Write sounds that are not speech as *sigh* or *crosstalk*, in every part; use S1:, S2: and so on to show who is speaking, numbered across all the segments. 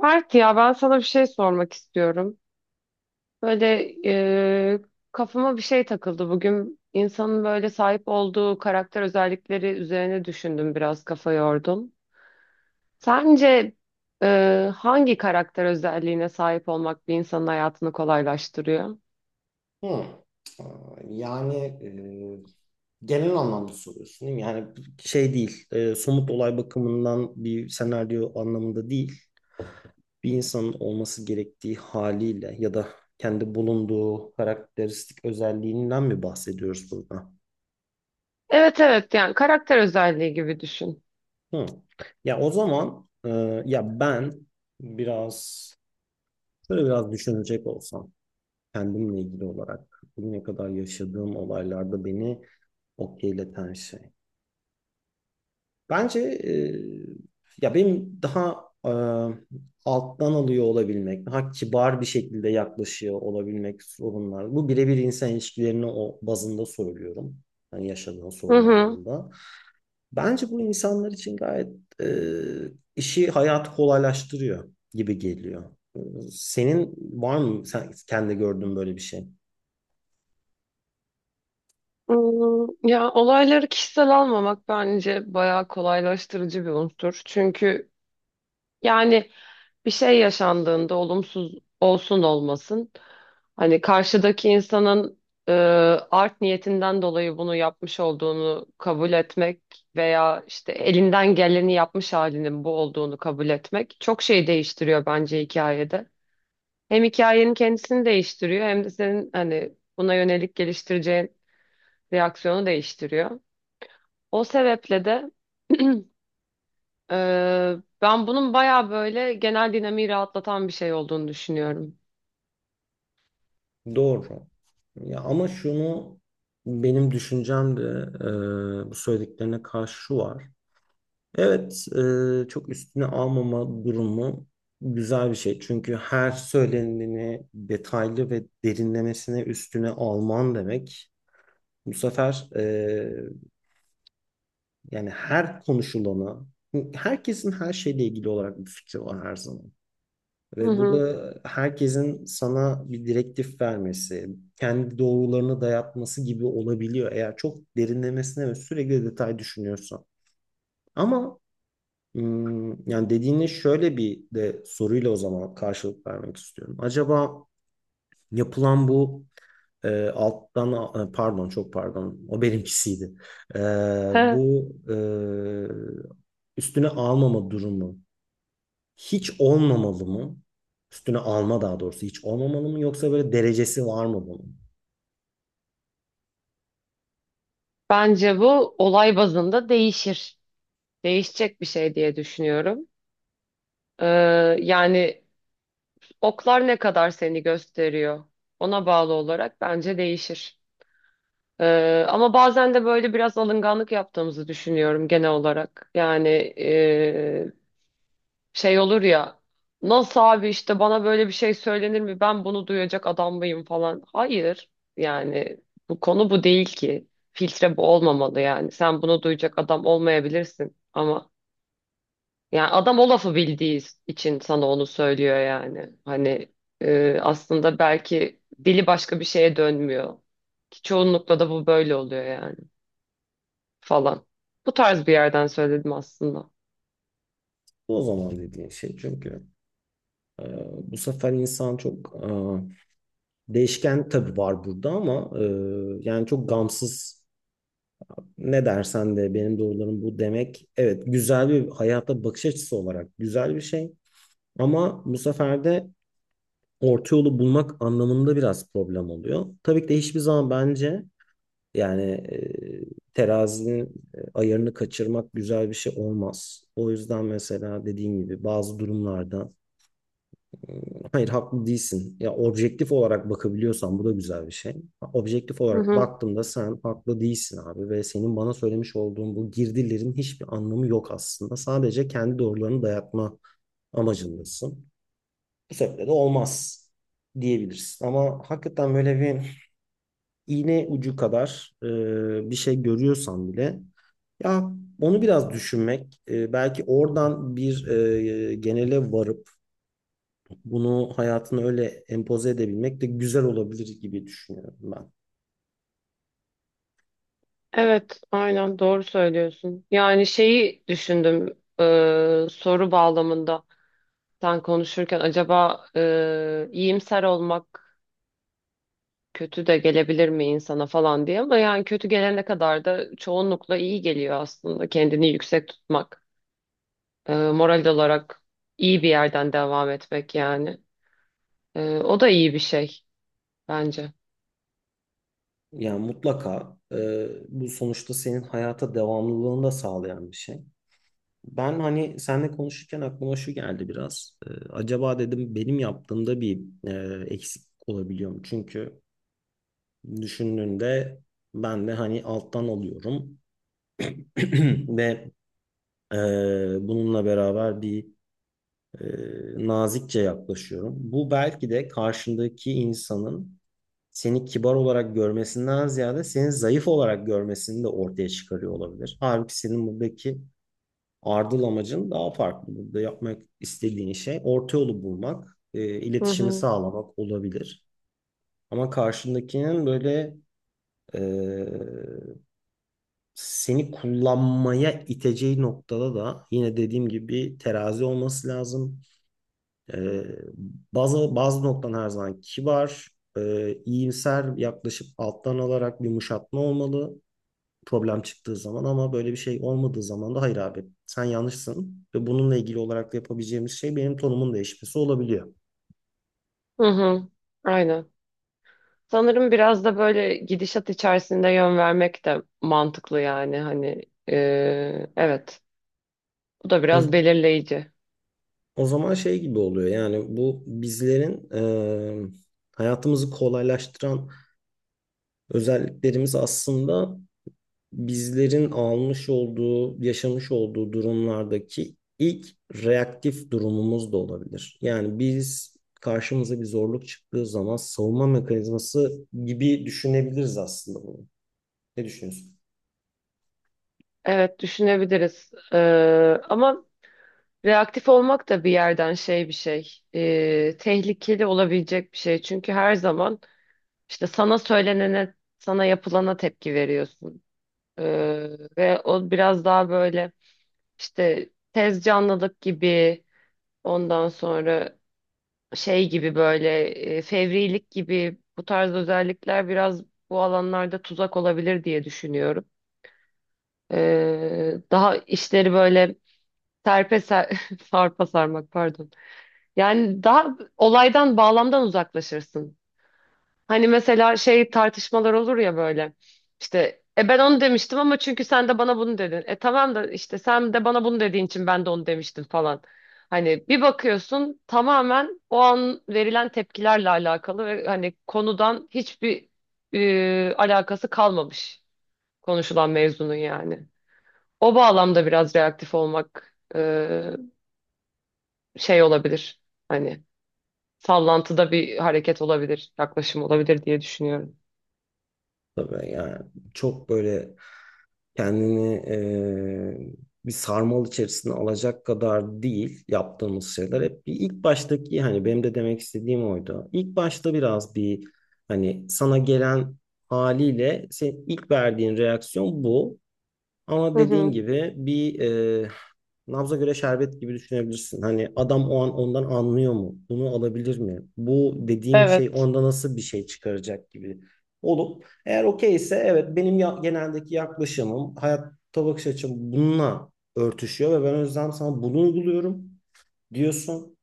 S1: Mert, ya ben sana bir şey sormak istiyorum. Böyle e, kafama bir şey takıldı bugün. İnsanın böyle sahip olduğu karakter özellikleri üzerine düşündüm, biraz kafa yordum. Sence hangi karakter özelliğine sahip olmak bir insanın hayatını kolaylaştırıyor?
S2: Hı. Aa, Yani genel anlamda soruyorsun değil mi? Yani şey değil, somut olay bakımından bir senaryo anlamında değil. Bir insanın olması gerektiği haliyle ya da kendi bulunduğu karakteristik özelliğinden mi bahsediyoruz burada?
S1: Evet evet, yani karakter özelliği gibi düşün.
S2: Hı. Ya o zaman ya ben biraz şöyle düşünecek olsam kendimle ilgili olarak bugüne kadar yaşadığım olaylarda beni okeyleten şey. Bence ya benim daha e, alttan alıyor olabilmek, daha kibar bir şekilde yaklaşıyor olabilmek sorunlar. Bu birebir insan ilişkilerini o bazında söylüyorum. Hani yaşadığın
S1: Hı
S2: sorun
S1: hı.
S2: anlamında. Bence bu insanlar için gayet e, işi, hayatı kolaylaştırıyor gibi geliyor. E, Senin var mı sen kendi gördüğün böyle bir şey?
S1: Hmm, ya olayları kişisel almamak bence bayağı kolaylaştırıcı bir unsur. Çünkü yani bir şey yaşandığında, olumsuz olsun olmasın, hani karşıdaki insanın e, art niyetinden dolayı bunu yapmış olduğunu kabul etmek veya işte elinden geleni yapmış halinin bu olduğunu kabul etmek çok şey değiştiriyor bence hikayede. Hem hikayenin kendisini değiştiriyor hem de senin hani buna yönelik geliştireceğin reaksiyonu değiştiriyor. O sebeple de e, ben bunun bayağı böyle genel dinamiği rahatlatan bir şey olduğunu düşünüyorum.
S2: Doğru. Ya ama şunu benim düşüncem de bu söylediklerine karşı şu var. Evet, çok üstüne almama durumu güzel bir şey. Çünkü her söyleneni detaylı ve derinlemesine üstüne alman demek. Bu sefer yani her konuşulana, herkesin her şeyle ilgili olarak bir fikri var her zaman.
S1: Hı
S2: Ve bu
S1: hı.
S2: da herkesin sana bir direktif vermesi, kendi doğrularını dayatması gibi olabiliyor eğer çok derinlemesine ve sürekli detay düşünüyorsan. Ama yani dediğine şöyle bir de soruyla o zaman karşılık vermek istiyorum. Acaba yapılan bu pardon çok pardon o benimkisiydi. E,
S1: He.
S2: bu üstüne almama durumu hiç olmamalı mı? Üstüne alma daha doğrusu hiç olmamalı mı yoksa böyle derecesi var mı bunun?
S1: Bence bu olay bazında değişir. Değişecek bir şey diye düşünüyorum. E, yani oklar ne kadar seni gösteriyor, ona bağlı olarak bence değişir. E, ama bazen de böyle biraz alınganlık yaptığımızı düşünüyorum genel olarak. Yani şey olur ya. Nasıl abi, işte bana böyle bir şey söylenir mi? Ben bunu duyacak adam mıyım falan. Hayır. Yani bu konu bu değil ki. Filtre bu olmamalı yani. Sen bunu duyacak adam olmayabilirsin ama yani adam o lafı bildiği için sana onu söylüyor yani. Hani aslında belki dili başka bir şeye dönmüyor. Ki çoğunlukla da bu böyle oluyor yani, falan. Bu tarz bir yerden söyledim aslında.
S2: Bu o zaman dediğin şey çünkü e, bu sefer insan çok değişken tabii var burada ama yani çok gamsız ne dersen de benim doğrularım bu demek. Evet güzel bir hayata bakış açısı olarak güzel bir şey. Ama bu sefer de orta yolu bulmak anlamında biraz problem oluyor. Tabii ki de hiçbir zaman bence yani terazinin ayarını kaçırmak güzel bir şey olmaz. O yüzden mesela dediğim gibi bazı durumlarda hayır haklı değilsin. Ya objektif olarak bakabiliyorsan bu da güzel bir şey. Objektif olarak baktığımda sen haklı değilsin abi ve senin bana söylemiş olduğun bu girdilerin hiçbir anlamı yok aslında. Sadece kendi doğrularını dayatma amacındasın. Bu sebeple de olmaz diyebilirsin. Ama hakikaten böyle bir iğne ucu kadar bir şey görüyorsan bile ya onu biraz düşünmek, belki oradan bir genele varıp bunu hayatına öyle empoze edebilmek de güzel olabilir gibi düşünüyorum ben.
S1: Evet, aynen doğru söylüyorsun. Yani şeyi düşündüm, soru bağlamında sen konuşurken acaba iyimser olmak kötü de gelebilir mi insana falan diye, ama yani kötü gelene kadar da çoğunlukla iyi geliyor aslında kendini yüksek tutmak, moral olarak iyi bir yerden devam etmek yani. E, o da iyi bir şey bence.
S2: Yani mutlaka bu sonuçta senin hayata devamlılığını da sağlayan bir şey. Ben hani seninle konuşurken aklıma şu geldi biraz. Acaba dedim benim yaptığımda bir eksik olabiliyor mu? Çünkü düşündüğünde ben de hani alttan alıyorum *clears throat* ve e, bununla beraber bir e, nazikçe yaklaşıyorum. Bu belki de karşındaki insanın seni kibar olarak görmesinden ziyade seni zayıf olarak görmesini de ortaya çıkarıyor olabilir. Halbuki senin buradaki ardıl amacın daha farklı. Burada yapmak istediğin şey orta yolu bulmak,
S1: Hı
S2: iletişimi
S1: hı.
S2: sağlamak olabilir. Ama karşındakinin böyle e, seni kullanmaya iteceği noktada da yine dediğim gibi bir terazi olması lazım. Ee, bazı noktan her zaman kibar, iyimser yaklaşıp alttan alarak bir yumuşatma olmalı problem çıktığı zaman ama böyle bir şey olmadığı zaman da hayır abi sen yanlışsın ve bununla ilgili olarak da yapabileceğimiz şey benim tonumun değişmesi olabiliyor.
S1: Hı hı. Aynen. Sanırım biraz da böyle gidişat içerisinde yön vermek de mantıklı yani, hani e, evet, bu da
S2: O,
S1: biraz belirleyici.
S2: o zaman şey gibi oluyor yani bu bizlerin e, hayatımızı kolaylaştıran özelliklerimiz aslında bizlerin almış olduğu, yaşamış olduğu durumlardaki ilk reaktif durumumuz da olabilir. Yani biz karşımıza bir zorluk çıktığı zaman savunma mekanizması gibi düşünebiliriz aslında bunu. Ne düşünüyorsun?
S1: Evet düşünebiliriz. Ama reaktif olmak da bir yerden tehlikeli olabilecek bir şey, çünkü her zaman işte sana söylenene, sana yapılana tepki veriyorsun. E, ve o biraz daha böyle işte tez canlılık gibi, ondan sonra şey gibi, böyle fevrilik gibi, bu tarz özellikler biraz bu alanlarda tuzak olabilir diye düşünüyorum. Daha işleri böyle serpe ser, *laughs* sarpa sarmak pardon. Yani daha olaydan, bağlamdan uzaklaşırsın. Hani mesela şey, tartışmalar olur ya böyle. İşte ben onu demiştim ama çünkü sen de bana bunu dedin. E tamam da işte sen de bana bunu dediğin için ben de onu demiştim falan. Hani bir bakıyorsun tamamen o an verilen tepkilerle alakalı ve hani konudan hiçbir alakası kalmamış konuşulan mevzunun yani. O bağlamda biraz reaktif olmak şey olabilir. Hani sallantıda bir hareket olabilir, yaklaşım olabilir diye düşünüyorum.
S2: Tabii yani çok böyle kendini bir sarmal içerisine alacak kadar değil yaptığımız şeyler. Hep bir ilk baştaki hani benim de demek istediğim oydu. İlk başta biraz bir hani sana gelen haliyle senin ilk verdiğin reaksiyon bu. Ama
S1: Hı
S2: dediğin
S1: hı.
S2: gibi bir nabza göre şerbet gibi düşünebilirsin. Hani adam o an ondan anlıyor mu? Bunu alabilir mi? Bu dediğim şey
S1: Evet.
S2: onda nasıl bir şey çıkaracak gibi olup eğer okey ise evet benim geneldeki yaklaşımım hayatta bakış açım bununla örtüşüyor ve ben o yüzden sana bunu uyguluyorum diyorsun.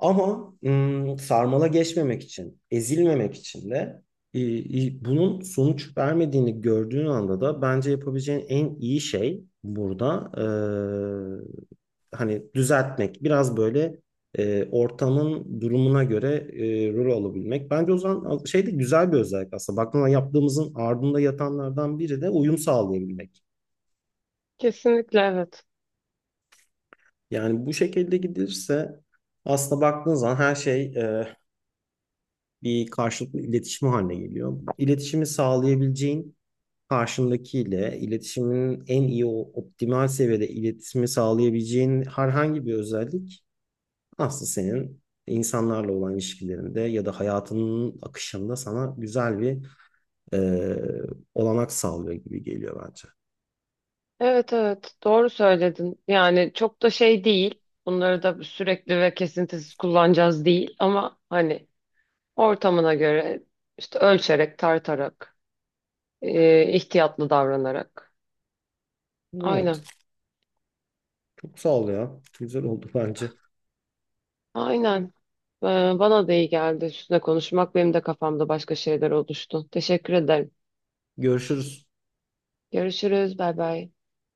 S2: Ama sarmala geçmemek için, ezilmemek için de e, bunun sonuç vermediğini gördüğün anda da bence yapabileceğin en iyi şey burada hani düzeltmek, biraz böyle ortamın durumuna göre rol alabilmek. Bence o zaman şey de güzel bir özellik aslında. Baktığında yaptığımızın ardında yatanlardan biri de uyum sağlayabilmek.
S1: Kesinlikle evet.
S2: Yani bu şekilde gidilirse aslında baktığın zaman her şey bir karşılıklı iletişim haline geliyor. İletişimi sağlayabileceğin karşındakiyle iletişimin en iyi o optimal seviyede iletişimi sağlayabileceğin herhangi bir özellik aslında senin insanlarla olan ilişkilerinde ya da hayatının akışında sana güzel bir e, olanak sağlıyor gibi geliyor bence.
S1: Evet evet, doğru söyledin. Yani çok da şey değil. Bunları da sürekli ve kesintisiz kullanacağız değil ama hani, ortamına göre işte ölçerek, tartarak, ihtiyatlı davranarak.
S2: Evet,
S1: Aynen.
S2: çok sağ ol ya. Güzel oldu bence.
S1: Aynen. Ee, bana da iyi geldi üstüne konuşmak. Benim de kafamda başka şeyler oluştu. Teşekkür ederim.
S2: Görüşürüz.
S1: Görüşürüz. Bay bay.